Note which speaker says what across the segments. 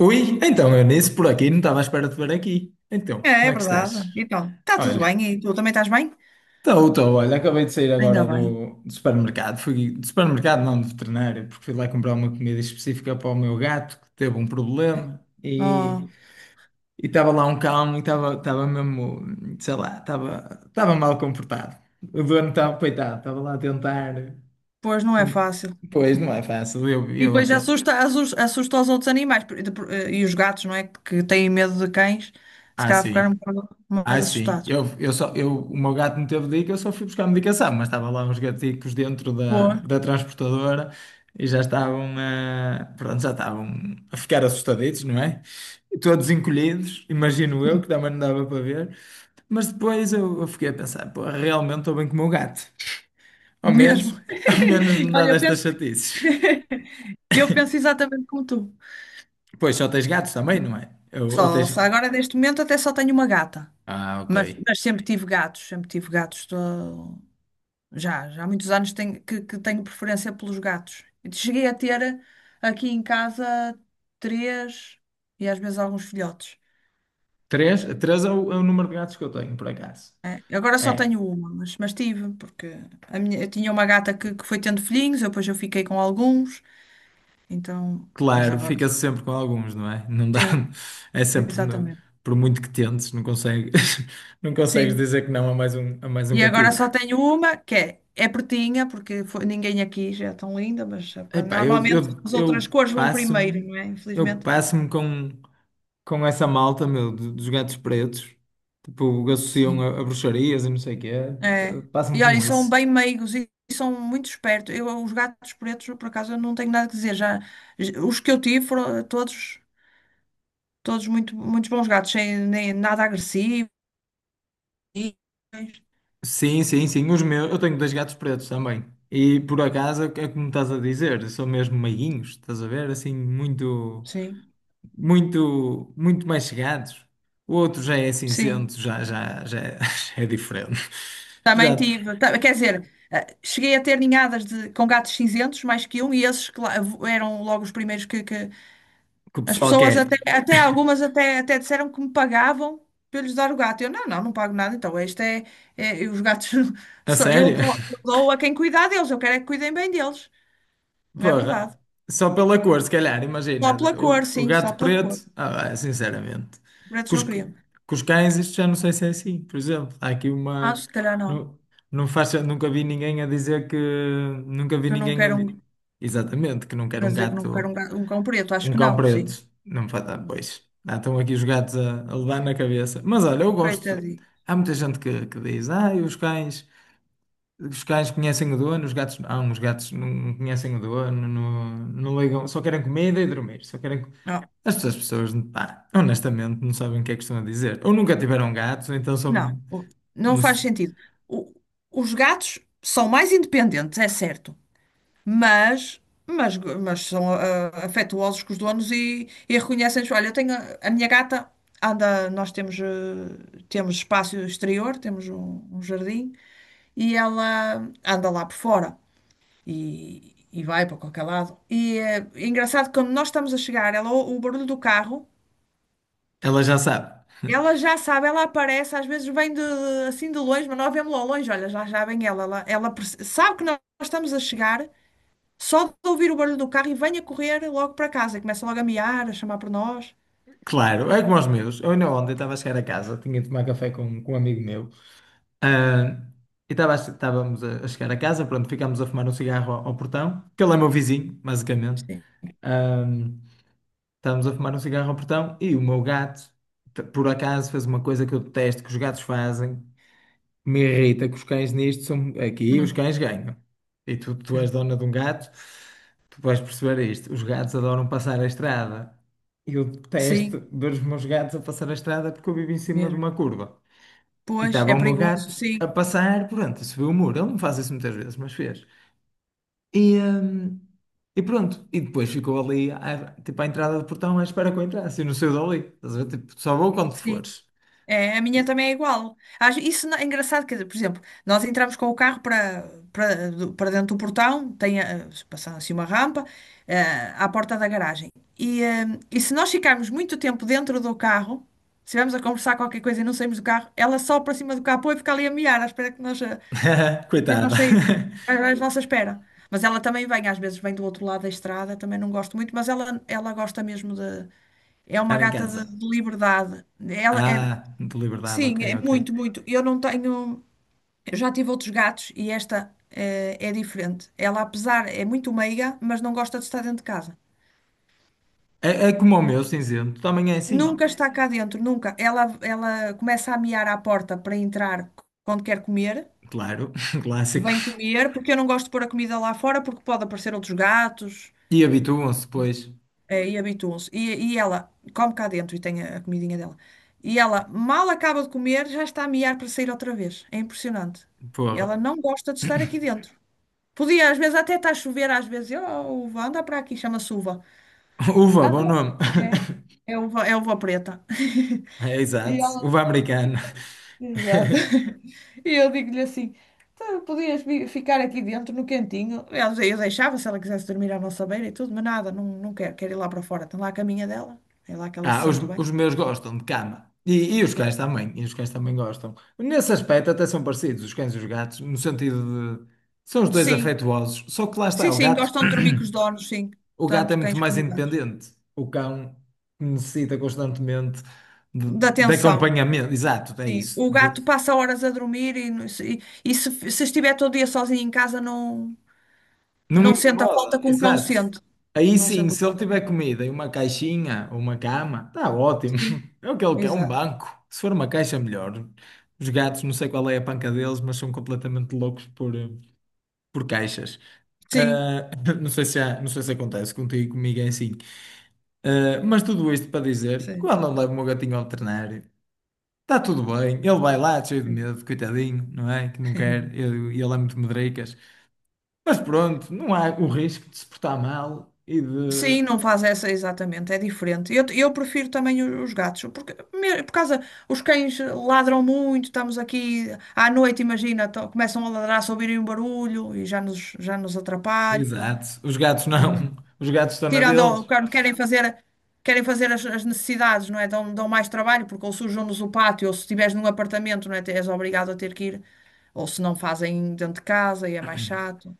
Speaker 1: Ui, então eu nisso por aqui não estava à espera de ver aqui. Então,
Speaker 2: É,
Speaker 1: como
Speaker 2: é
Speaker 1: é que
Speaker 2: verdade.
Speaker 1: estás?
Speaker 2: Então, está tudo
Speaker 1: Olha,
Speaker 2: bem e tu também estás bem?
Speaker 1: estou, olha, acabei de sair
Speaker 2: Ainda
Speaker 1: agora
Speaker 2: bem.
Speaker 1: do supermercado. Fui do supermercado, não, do veterinário, porque fui lá comprar uma comida específica para o meu gato que teve um problema e
Speaker 2: Oh,
Speaker 1: estava lá um cão e estava mesmo, sei lá, estava mal comportado. O dono estava, coitado, estava lá a tentar.
Speaker 2: pois não é
Speaker 1: com-
Speaker 2: fácil.
Speaker 1: Pois, não é fácil, eu,
Speaker 2: E
Speaker 1: eu
Speaker 2: depois
Speaker 1: apenas.
Speaker 2: assusta, os outros animais e os gatos, não é? Que têm medo de cães, se
Speaker 1: Ah,
Speaker 2: calhar ficaram um
Speaker 1: sim.
Speaker 2: bocado
Speaker 1: Ah,
Speaker 2: mais
Speaker 1: sim.
Speaker 2: assustados.
Speaker 1: Eu só, eu, o meu gato não teve dica, eu só fui buscar a medicação, mas estava lá uns gaticos dentro da,
Speaker 2: Pô,
Speaker 1: da transportadora e já estavam a ficar assustaditos, não é? E todos encolhidos, imagino eu, que também não dava para ver. Mas depois eu fiquei a pensar, pô, realmente estou bem com o meu gato. Ao
Speaker 2: mesmo.
Speaker 1: menos, ao menos não dá
Speaker 2: Olha, eu
Speaker 1: destas
Speaker 2: penso,
Speaker 1: chatices.
Speaker 2: eu penso exatamente como tu.
Speaker 1: Pois, só tens gatos também, não é? Ou
Speaker 2: Só,
Speaker 1: tens...
Speaker 2: só agora, neste momento, até só tenho uma gata.
Speaker 1: Ah, ok.
Speaker 2: Mas sempre tive gatos, sempre tive gatos. Já há muitos anos que tenho preferência pelos gatos. Cheguei a ter aqui em casa três e às vezes alguns filhotes.
Speaker 1: Três? Três é o número de gatos que eu tenho, por acaso.
Speaker 2: É, agora só
Speaker 1: É.
Speaker 2: tenho uma, mas tive, porque eu tinha uma gata que foi tendo filhinhos, eu depois eu fiquei com alguns, então, mas
Speaker 1: Claro,
Speaker 2: agora
Speaker 1: fica-se sempre com alguns, não é? Não dá,
Speaker 2: sim,
Speaker 1: é sempre,
Speaker 2: exatamente.
Speaker 1: por muito que tentes, não consegues, não consegues
Speaker 2: Sim.
Speaker 1: dizer que não a mais um, a mais um
Speaker 2: E agora só
Speaker 1: gatico.
Speaker 2: tenho uma, que é pretinha, porque ninguém aqui já é tão linda, mas sabe,
Speaker 1: Epá, eu,
Speaker 2: normalmente
Speaker 1: eu,
Speaker 2: as outras
Speaker 1: eu
Speaker 2: cores vão primeiro,
Speaker 1: passo-me,
Speaker 2: não é?
Speaker 1: eu
Speaker 2: Infelizmente.
Speaker 1: passo-me com essa malta, meu, dos gatos pretos, tipo, associam
Speaker 2: Sim.
Speaker 1: a, bruxarias e não sei o quê. Eu
Speaker 2: É.
Speaker 1: passo-me
Speaker 2: E olha, e
Speaker 1: com
Speaker 2: são
Speaker 1: isso.
Speaker 2: bem meigos e são muito espertos. Eu, os gatos pretos, por acaso, eu não tenho nada a dizer. Já, os que eu tive foram todos muitos bons gatos, sem nem, nada agressivo. e-
Speaker 1: Sim, sim, sim, os meus, eu tenho dois gatos pretos também. E por acaso, é como estás a dizer, são mesmo meiguinhos, estás a ver? Assim, muito,
Speaker 2: Sim,
Speaker 1: muito, muito mais chegados. O outro já é
Speaker 2: sim.
Speaker 1: cinzento, já, já, já, é já é diferente.
Speaker 2: Também
Speaker 1: Já
Speaker 2: tive. Quer dizer, cheguei a ter ninhadas de, com gatos cinzentos, mais que um, e esses eram logo os primeiros que,
Speaker 1: que o
Speaker 2: as
Speaker 1: pessoal
Speaker 2: pessoas até,
Speaker 1: quer.
Speaker 2: até algumas até disseram que me pagavam para eu lhes dar o gato. Eu, não, não, não pago nada, então este é, os gatos,
Speaker 1: A
Speaker 2: eu
Speaker 1: sério?
Speaker 2: dou, eu dou a quem cuidar deles, eu quero é que cuidem bem deles, não é verdade?
Speaker 1: Porra, só pela cor, se calhar,
Speaker 2: Só
Speaker 1: imagina.
Speaker 2: pela cor,
Speaker 1: O
Speaker 2: sim, só
Speaker 1: gato
Speaker 2: pela cor.
Speaker 1: preto, ah, ah, sinceramente.
Speaker 2: Pretos não queriam.
Speaker 1: Com os cães, isto já não sei se é assim. Por exemplo, há aqui
Speaker 2: Ah,
Speaker 1: uma.
Speaker 2: se calhar não,
Speaker 1: Não, não faz, nunca vi ninguém a dizer que. Nunca vi
Speaker 2: que eu não
Speaker 1: ninguém a.
Speaker 2: quero um,
Speaker 1: Exatamente, que não quer
Speaker 2: quer
Speaker 1: um
Speaker 2: dizer que não quero um,
Speaker 1: gato.
Speaker 2: um cão preto, acho
Speaker 1: Um
Speaker 2: que
Speaker 1: cão
Speaker 2: não, sim.
Speaker 1: preto. Não faz. Ah, pois. Ah, estão aqui os gatos a, levar na cabeça. Mas olha, eu gosto.
Speaker 2: Coitadinho.
Speaker 1: Há muita gente que diz: ah, e os cães conhecem o dono, os gatos. Ah, uns gatos não conhecem o dono, não, não ligam, só querem comida e dormir. Só querem.
Speaker 2: Não,
Speaker 1: As pessoas, pessoas, pá, honestamente, não sabem o que é que estão a dizer. Ou nunca tiveram gatos, ou então são.
Speaker 2: não, não
Speaker 1: não
Speaker 2: faz
Speaker 1: se-
Speaker 2: sentido. O- os gatos são mais independentes, é certo. mas, mas são afetuosos com os donos e, reconhecem-nos. Olha, eu tenho a minha gata anda, nós temos, temos espaço exterior, temos um jardim e ela anda lá por fora e vai para qualquer lado. E é engraçado que quando nós estamos a chegar, ela, o barulho do carro.
Speaker 1: Ela já sabe.
Speaker 2: Ela já sabe, ela aparece, às vezes vem de, assim de longe, mas nós vemos lá ao longe, olha, já vem ela, sabe que nós estamos a chegar. Só de ouvir o barulho do carro e venha correr logo para casa. E começa logo a miar, a chamar por nós.
Speaker 1: Claro, é como os meus. Eu ainda ontem estava a chegar a casa, tinha de tomar café com, um amigo meu. Ah, e estávamos a, chegar a casa, pronto, ficámos a fumar um cigarro ao, portão, que ele é meu vizinho, basicamente.
Speaker 2: Sim.
Speaker 1: Ah, estávamos a fumar um cigarro ao portão e o meu gato, por acaso, fez uma coisa que eu detesto, que os gatos fazem, me irrita, que os cães nisto são aqui, os
Speaker 2: Uhum.
Speaker 1: cães ganham. E tu és dona de um gato, tu vais perceber isto. Os gatos adoram passar a estrada. E eu detesto
Speaker 2: Sim,
Speaker 1: ver os meus gatos a passar a estrada porque eu vivo em cima de
Speaker 2: mesmo.
Speaker 1: uma curva. E
Speaker 2: Pois,
Speaker 1: estava
Speaker 2: é
Speaker 1: o meu
Speaker 2: perigoso,
Speaker 1: gato
Speaker 2: sim,
Speaker 1: a passar, pronto, subiu o muro. Ele não faz isso muitas vezes, mas fez. E, hum, e pronto, e depois ficou ali, tipo, à entrada do portão, à espera que eu entrasse. E não saiu dali. Estás a ver? Tipo, só vou quando
Speaker 2: sim.
Speaker 1: fores.
Speaker 2: É, a minha
Speaker 1: E-
Speaker 2: também é igual. Isso É engraçado, quer dizer, por exemplo, nós entramos com o carro para dentro do portão, tem passando assim uma rampa, eh, à porta da garagem. E, eh, e se nós ficarmos muito tempo dentro do carro, se estivermos a conversar qualquer coisa e não saímos do carro, ela só para cima do capô e fica ali a miar, à espera que nós. Assim
Speaker 1: Coitado.
Speaker 2: nós saímos à à nossa espera. Mas ela também vem, às vezes vem do outro lado da estrada, também não gosto muito, mas ela gosta mesmo de. É uma
Speaker 1: Estar em
Speaker 2: gata de,
Speaker 1: casa.
Speaker 2: de liberdade. Ela é,
Speaker 1: Ah, de liberdade, ok,
Speaker 2: sim, é
Speaker 1: ok.
Speaker 2: muito, muito. Eu não tenho. Eu já tive outros gatos e esta é, diferente. Ela, apesar, é muito meiga, mas não gosta de estar dentro de casa.
Speaker 1: É como o meu cinzento, também é assim.
Speaker 2: Nunca. Ok. Está cá dentro, nunca. Ela começa a miar à porta para entrar quando quer comer.
Speaker 1: Claro, clássico.
Speaker 2: Vem comer, porque eu não gosto de pôr a comida lá fora, porque pode aparecer outros gatos.
Speaker 1: E habituam-se, pois.
Speaker 2: E habituam-se. E ela come cá dentro e tem a comidinha dela. E ela mal acaba de comer, já está a miar para sair outra vez. É impressionante.
Speaker 1: Porra.
Speaker 2: Ela não gosta de estar aqui dentro. Podia, às vezes, até está a chover, às vezes, oh, Uva, anda para aqui, chama-se Uva.
Speaker 1: Uva, bom
Speaker 2: Anda.
Speaker 1: nome.
Speaker 2: É, é uva, é uva preta.
Speaker 1: É,
Speaker 2: E
Speaker 1: exato.
Speaker 2: ela.
Speaker 1: Uva americana.
Speaker 2: Exato. E eu digo-lhe assim: "Tu podias ficar aqui dentro no cantinho. Aliás, eu deixava se ela quisesse dormir à nossa beira e tudo, mas nada, não, não quero, quero ir lá para fora. Tem lá a caminha dela, é lá que ela se
Speaker 1: Ah, os,
Speaker 2: sente bem."
Speaker 1: os meus gostam de cama. E os cães também. E os cães também gostam. Nesse aspecto até são parecidos, os cães e os gatos, no sentido de... São os dois
Speaker 2: Sim,
Speaker 1: afetuosos. Só que lá
Speaker 2: sim,
Speaker 1: está, o
Speaker 2: sim,
Speaker 1: gato,
Speaker 2: gostam de dormir com os donos, sim,
Speaker 1: o gato é
Speaker 2: tanto
Speaker 1: muito
Speaker 2: cães
Speaker 1: mais
Speaker 2: como gatos.
Speaker 1: independente. O cão necessita constantemente de,
Speaker 2: Da
Speaker 1: de
Speaker 2: atenção,
Speaker 1: acompanhamento. Exato, é
Speaker 2: sim.
Speaker 1: isso.
Speaker 2: O
Speaker 1: De,
Speaker 2: gato passa horas a dormir e se estiver todo dia sozinho em casa, não,
Speaker 1: não me
Speaker 2: não sente a
Speaker 1: incomoda,
Speaker 2: falta que um cão
Speaker 1: exato.
Speaker 2: sente.
Speaker 1: Aí
Speaker 2: Não
Speaker 1: sim,
Speaker 2: sente a
Speaker 1: se ele
Speaker 2: falta do
Speaker 1: tiver
Speaker 2: cão.
Speaker 1: comida e uma caixinha ou uma cama, está ótimo.
Speaker 2: Sim,
Speaker 1: É o que ele quer, um
Speaker 2: exato.
Speaker 1: banco. Se for uma caixa, melhor. Os gatos, não sei qual é a panca deles, mas são completamente loucos por caixas.
Speaker 2: Sim,
Speaker 1: Ah, não sei se acontece contigo, comigo é assim. Ah, mas tudo isto para dizer,
Speaker 2: sim.
Speaker 1: quando eu levo o meu gatinho ao veterinário, está tudo bem. Ele vai lá, cheio de medo, coitadinho, não é? Que não quer. Ele é muito medricas. Mas pronto, não há o risco de se portar mal e de.
Speaker 2: Sim, não faz essa exatamente, é diferente. Eu prefiro também os gatos, porque por causa os cães ladram muito, estamos aqui à noite, imagina, começam a ladrar se ouvirem um barulho e já nos atrapalham.
Speaker 1: Exato. Os gatos não.
Speaker 2: Hum.
Speaker 1: Os gatos estão na
Speaker 2: Tirando
Speaker 1: deles.
Speaker 2: o quando querem fazer, as necessidades, não é? Dão mais trabalho, porque ou sujam-nos o pátio, ou se estiveres num apartamento, não é? És obrigado a ter que ir, ou se não fazem dentro de casa e é mais chato.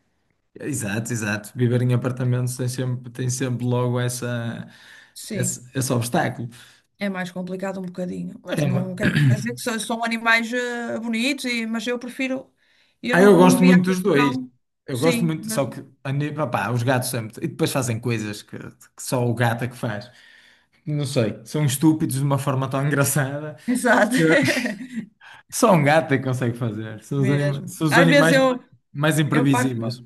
Speaker 1: Exato, exato. Viver em apartamentos tem sempre logo essa,
Speaker 2: Sim.
Speaker 1: esse obstáculo.
Speaker 2: É mais complicado um bocadinho,
Speaker 1: É
Speaker 2: mas não
Speaker 1: uma-
Speaker 2: quer dizer que são animais bonitos, mas eu prefiro, eu
Speaker 1: Ah,
Speaker 2: não,
Speaker 1: eu
Speaker 2: não me
Speaker 1: gosto
Speaker 2: via a
Speaker 1: muito
Speaker 2: ter
Speaker 1: dos
Speaker 2: um
Speaker 1: dois.
Speaker 2: cão,
Speaker 1: Eu gosto
Speaker 2: sim,
Speaker 1: muito,
Speaker 2: mas,
Speaker 1: só que a nível, pá, os gatos sempre. E depois fazem coisas que só o gato é que faz. Não sei, são estúpidos de uma forma tão engraçada.
Speaker 2: exato,
Speaker 1: Que Só um gato é que consegue fazer. São os anima-
Speaker 2: mesmo.
Speaker 1: são os
Speaker 2: Às vezes
Speaker 1: animais
Speaker 2: eu,
Speaker 1: mais
Speaker 2: eu
Speaker 1: imprevisíveis.
Speaker 2: parto-me,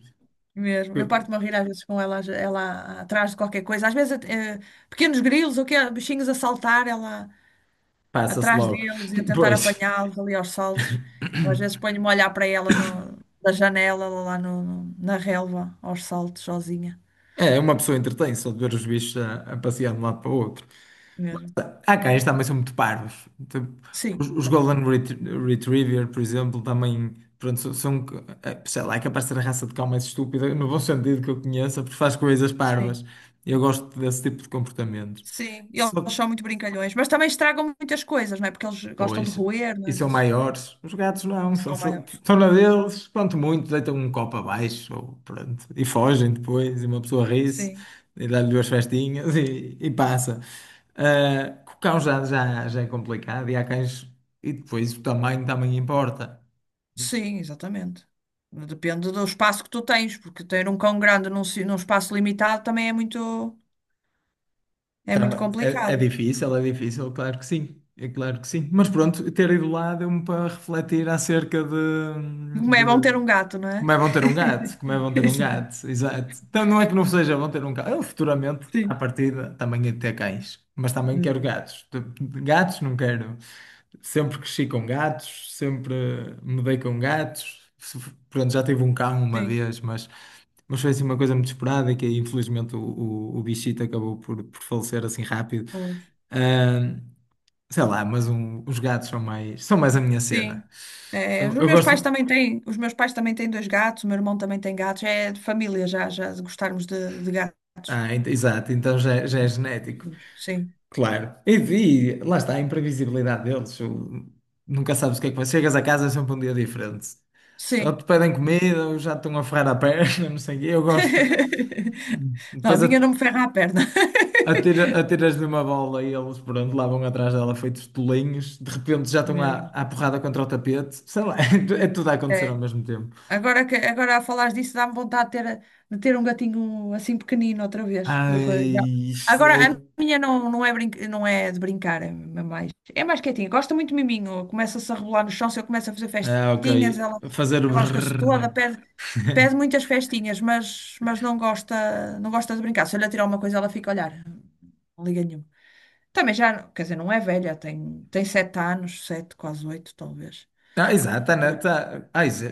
Speaker 2: mesmo, eu parto-me a rir às vezes com ela, ela atrás de qualquer coisa, às vezes, pequenos grilos ou quê, bichinhos a saltar, ela
Speaker 1: Passa-se
Speaker 2: atrás
Speaker 1: logo.
Speaker 2: deles e a tentar
Speaker 1: Pois.
Speaker 2: apanhá-los ali aos saltos, eu, às vezes ponho-me a olhar para ela no, da janela, lá na relva, aos saltos, sozinha,
Speaker 1: É, uma pessoa entretém só de ver os bichos a, passear de um lado para o outro.
Speaker 2: mesmo.
Speaker 1: Há cães também são muito parvos. Tipo, os,
Speaker 2: Sim,
Speaker 1: os
Speaker 2: também.
Speaker 1: Golden Retriever, por exemplo, também pronto, são, sei lá, é capaz de ser a raça de cão mais estúpida, no bom sentido que eu conheça, porque faz coisas
Speaker 2: Sim,
Speaker 1: parvas. Eu gosto desse tipo de comportamentos.
Speaker 2: sim. E eles
Speaker 1: Só,
Speaker 2: são muito brincalhões, mas também estragam muitas coisas, não é? Porque eles gostam de
Speaker 1: pois,
Speaker 2: roer, não
Speaker 1: e
Speaker 2: é?
Speaker 1: são
Speaker 2: Mas
Speaker 1: maiores. Os gatos não, são,
Speaker 2: são maiores.
Speaker 1: são na deles, quanto muito, deitam um copo abaixo, ou pronto, e fogem depois, e uma pessoa ri-se,
Speaker 2: Sim,
Speaker 1: e dá-lhe duas festinhas e passa. Ah, com o cão já, já é complicado, e há cães, e depois o tamanho também importa.
Speaker 2: sim, exatamente. Depende do espaço que tu tens, porque ter um cão grande num espaço limitado também é muito
Speaker 1: É
Speaker 2: complicado.
Speaker 1: difícil, é difícil, claro que sim, é claro que sim. Mas pronto, ter ido lá deu-me para refletir acerca de,
Speaker 2: Como é bom ter um gato, não
Speaker 1: como
Speaker 2: é?
Speaker 1: é vão ter um gato? Como é vão ter um
Speaker 2: Exato.
Speaker 1: gato? Exato. Então não é que não seja vão ter um gato. Eu futuramente, à
Speaker 2: Sim.
Speaker 1: partida, também hei ter cães. Mas também quero
Speaker 2: Hum.
Speaker 1: gatos. Gatos não quero. Sempre cresci com gatos, sempre me dei com gatos. Pronto, já tive um cão uma
Speaker 2: Sim.
Speaker 1: vez, mas foi assim uma coisa muito esperada e que infelizmente o bichito acabou por falecer assim rápido.
Speaker 2: Pois.
Speaker 1: Ah, sei lá, mas os gatos são mais a minha
Speaker 2: Sim.
Speaker 1: cena.
Speaker 2: É,
Speaker 1: Eu gosto.
Speaker 2: os meus pais também têm dois gatos, o meu irmão também tem gatos, é de família já de gostarmos de gatos.
Speaker 1: Ah, exato, então já, já é genético.
Speaker 2: Sim,
Speaker 1: Claro. E lá está a imprevisibilidade deles. Nunca sabes o que é que vai. Chegas a casa é sempre um dia diferente. Ou
Speaker 2: sim.
Speaker 1: te pedem
Speaker 2: Mesmo.
Speaker 1: comida, ou já te estão a ferrar a perna, não sei o quê. Eu gosto.
Speaker 2: Não, a
Speaker 1: Depois
Speaker 2: minha não me ferra a perna.
Speaker 1: atiras-lhe uma bola e eles, pronto, lá vão atrás dela feitos tolinhos. De repente já estão à,
Speaker 2: Mesmo.
Speaker 1: porrada contra o tapete. Sei lá, é tudo a acontecer ao
Speaker 2: É.
Speaker 1: mesmo tempo.
Speaker 2: Agora, agora a falar disso dá-me vontade de ter, um gatinho assim pequenino outra vez.
Speaker 1: Ai, isto
Speaker 2: Agora, a
Speaker 1: é-
Speaker 2: minha não, não é de brincar, é mais quietinha. Gosta muito de miminho, começa-se a rebolar no chão, se eu começo a fazer
Speaker 1: Ah, ok.
Speaker 2: festinhas, ela
Speaker 1: Fazer o
Speaker 2: rosca-se
Speaker 1: brrr.
Speaker 2: toda, pede muitas festinhas, mas não gosta de brincar. Se eu lhe atirar uma coisa, ela fica a olhar. Não liga nenhuma. Também já, quer dizer, não é velha, tem 7 anos, 7, quase 8, talvez,
Speaker 1: Ah, exato, a Ana,
Speaker 2: por aí.
Speaker 1: tá, ai, já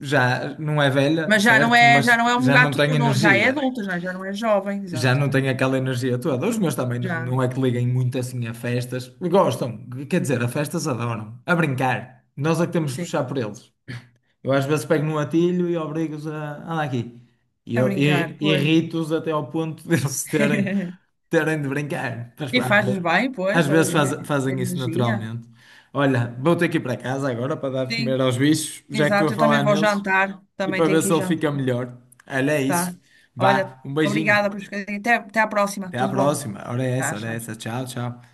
Speaker 1: já não é velha,
Speaker 2: Mas já não
Speaker 1: certo?
Speaker 2: é, já
Speaker 1: Mas
Speaker 2: não é um
Speaker 1: já não
Speaker 2: gato,
Speaker 1: tem
Speaker 2: não, já é
Speaker 1: energia.
Speaker 2: adulto, já não é jovem,
Speaker 1: Já
Speaker 2: exato.
Speaker 1: não tem aquela energia toda. Os meus também não,
Speaker 2: Já,
Speaker 1: não é que liguem muito assim a festas. Gostam, quer dizer, a festas adoram. A brincar. Nós é que temos de
Speaker 2: sim,
Speaker 1: puxar por eles. Eu às vezes pego no atilho e obrigo-os a andar aqui. E
Speaker 2: a
Speaker 1: eu
Speaker 2: brincar, pois.
Speaker 1: irrito-os até ao ponto de eles terem, terem de brincar. Mas,
Speaker 2: E
Speaker 1: pá,
Speaker 2: fazes bem, pois,
Speaker 1: às
Speaker 2: para
Speaker 1: vezes
Speaker 2: ganhar
Speaker 1: fazem isso
Speaker 2: energia.
Speaker 1: naturalmente. Olha, vou ter que ir para casa agora para dar de comer
Speaker 2: Sim,
Speaker 1: aos bichos, já que estou a
Speaker 2: exato, eu também
Speaker 1: falar
Speaker 2: vou
Speaker 1: neles,
Speaker 2: jantar,
Speaker 1: e
Speaker 2: também
Speaker 1: para
Speaker 2: tenho
Speaker 1: ver
Speaker 2: que ir
Speaker 1: se ele fica
Speaker 2: jantar,
Speaker 1: melhor. Olha, é
Speaker 2: tá?
Speaker 1: isso.
Speaker 2: Olha,
Speaker 1: Vá, um beijinho.
Speaker 2: obrigada por. Até à próxima,
Speaker 1: Até à
Speaker 2: tudo bom?
Speaker 1: próxima. Ora é essa,
Speaker 2: Tá,
Speaker 1: ora é
Speaker 2: tchau,
Speaker 1: essa.
Speaker 2: tchau.
Speaker 1: Tchau, tchau.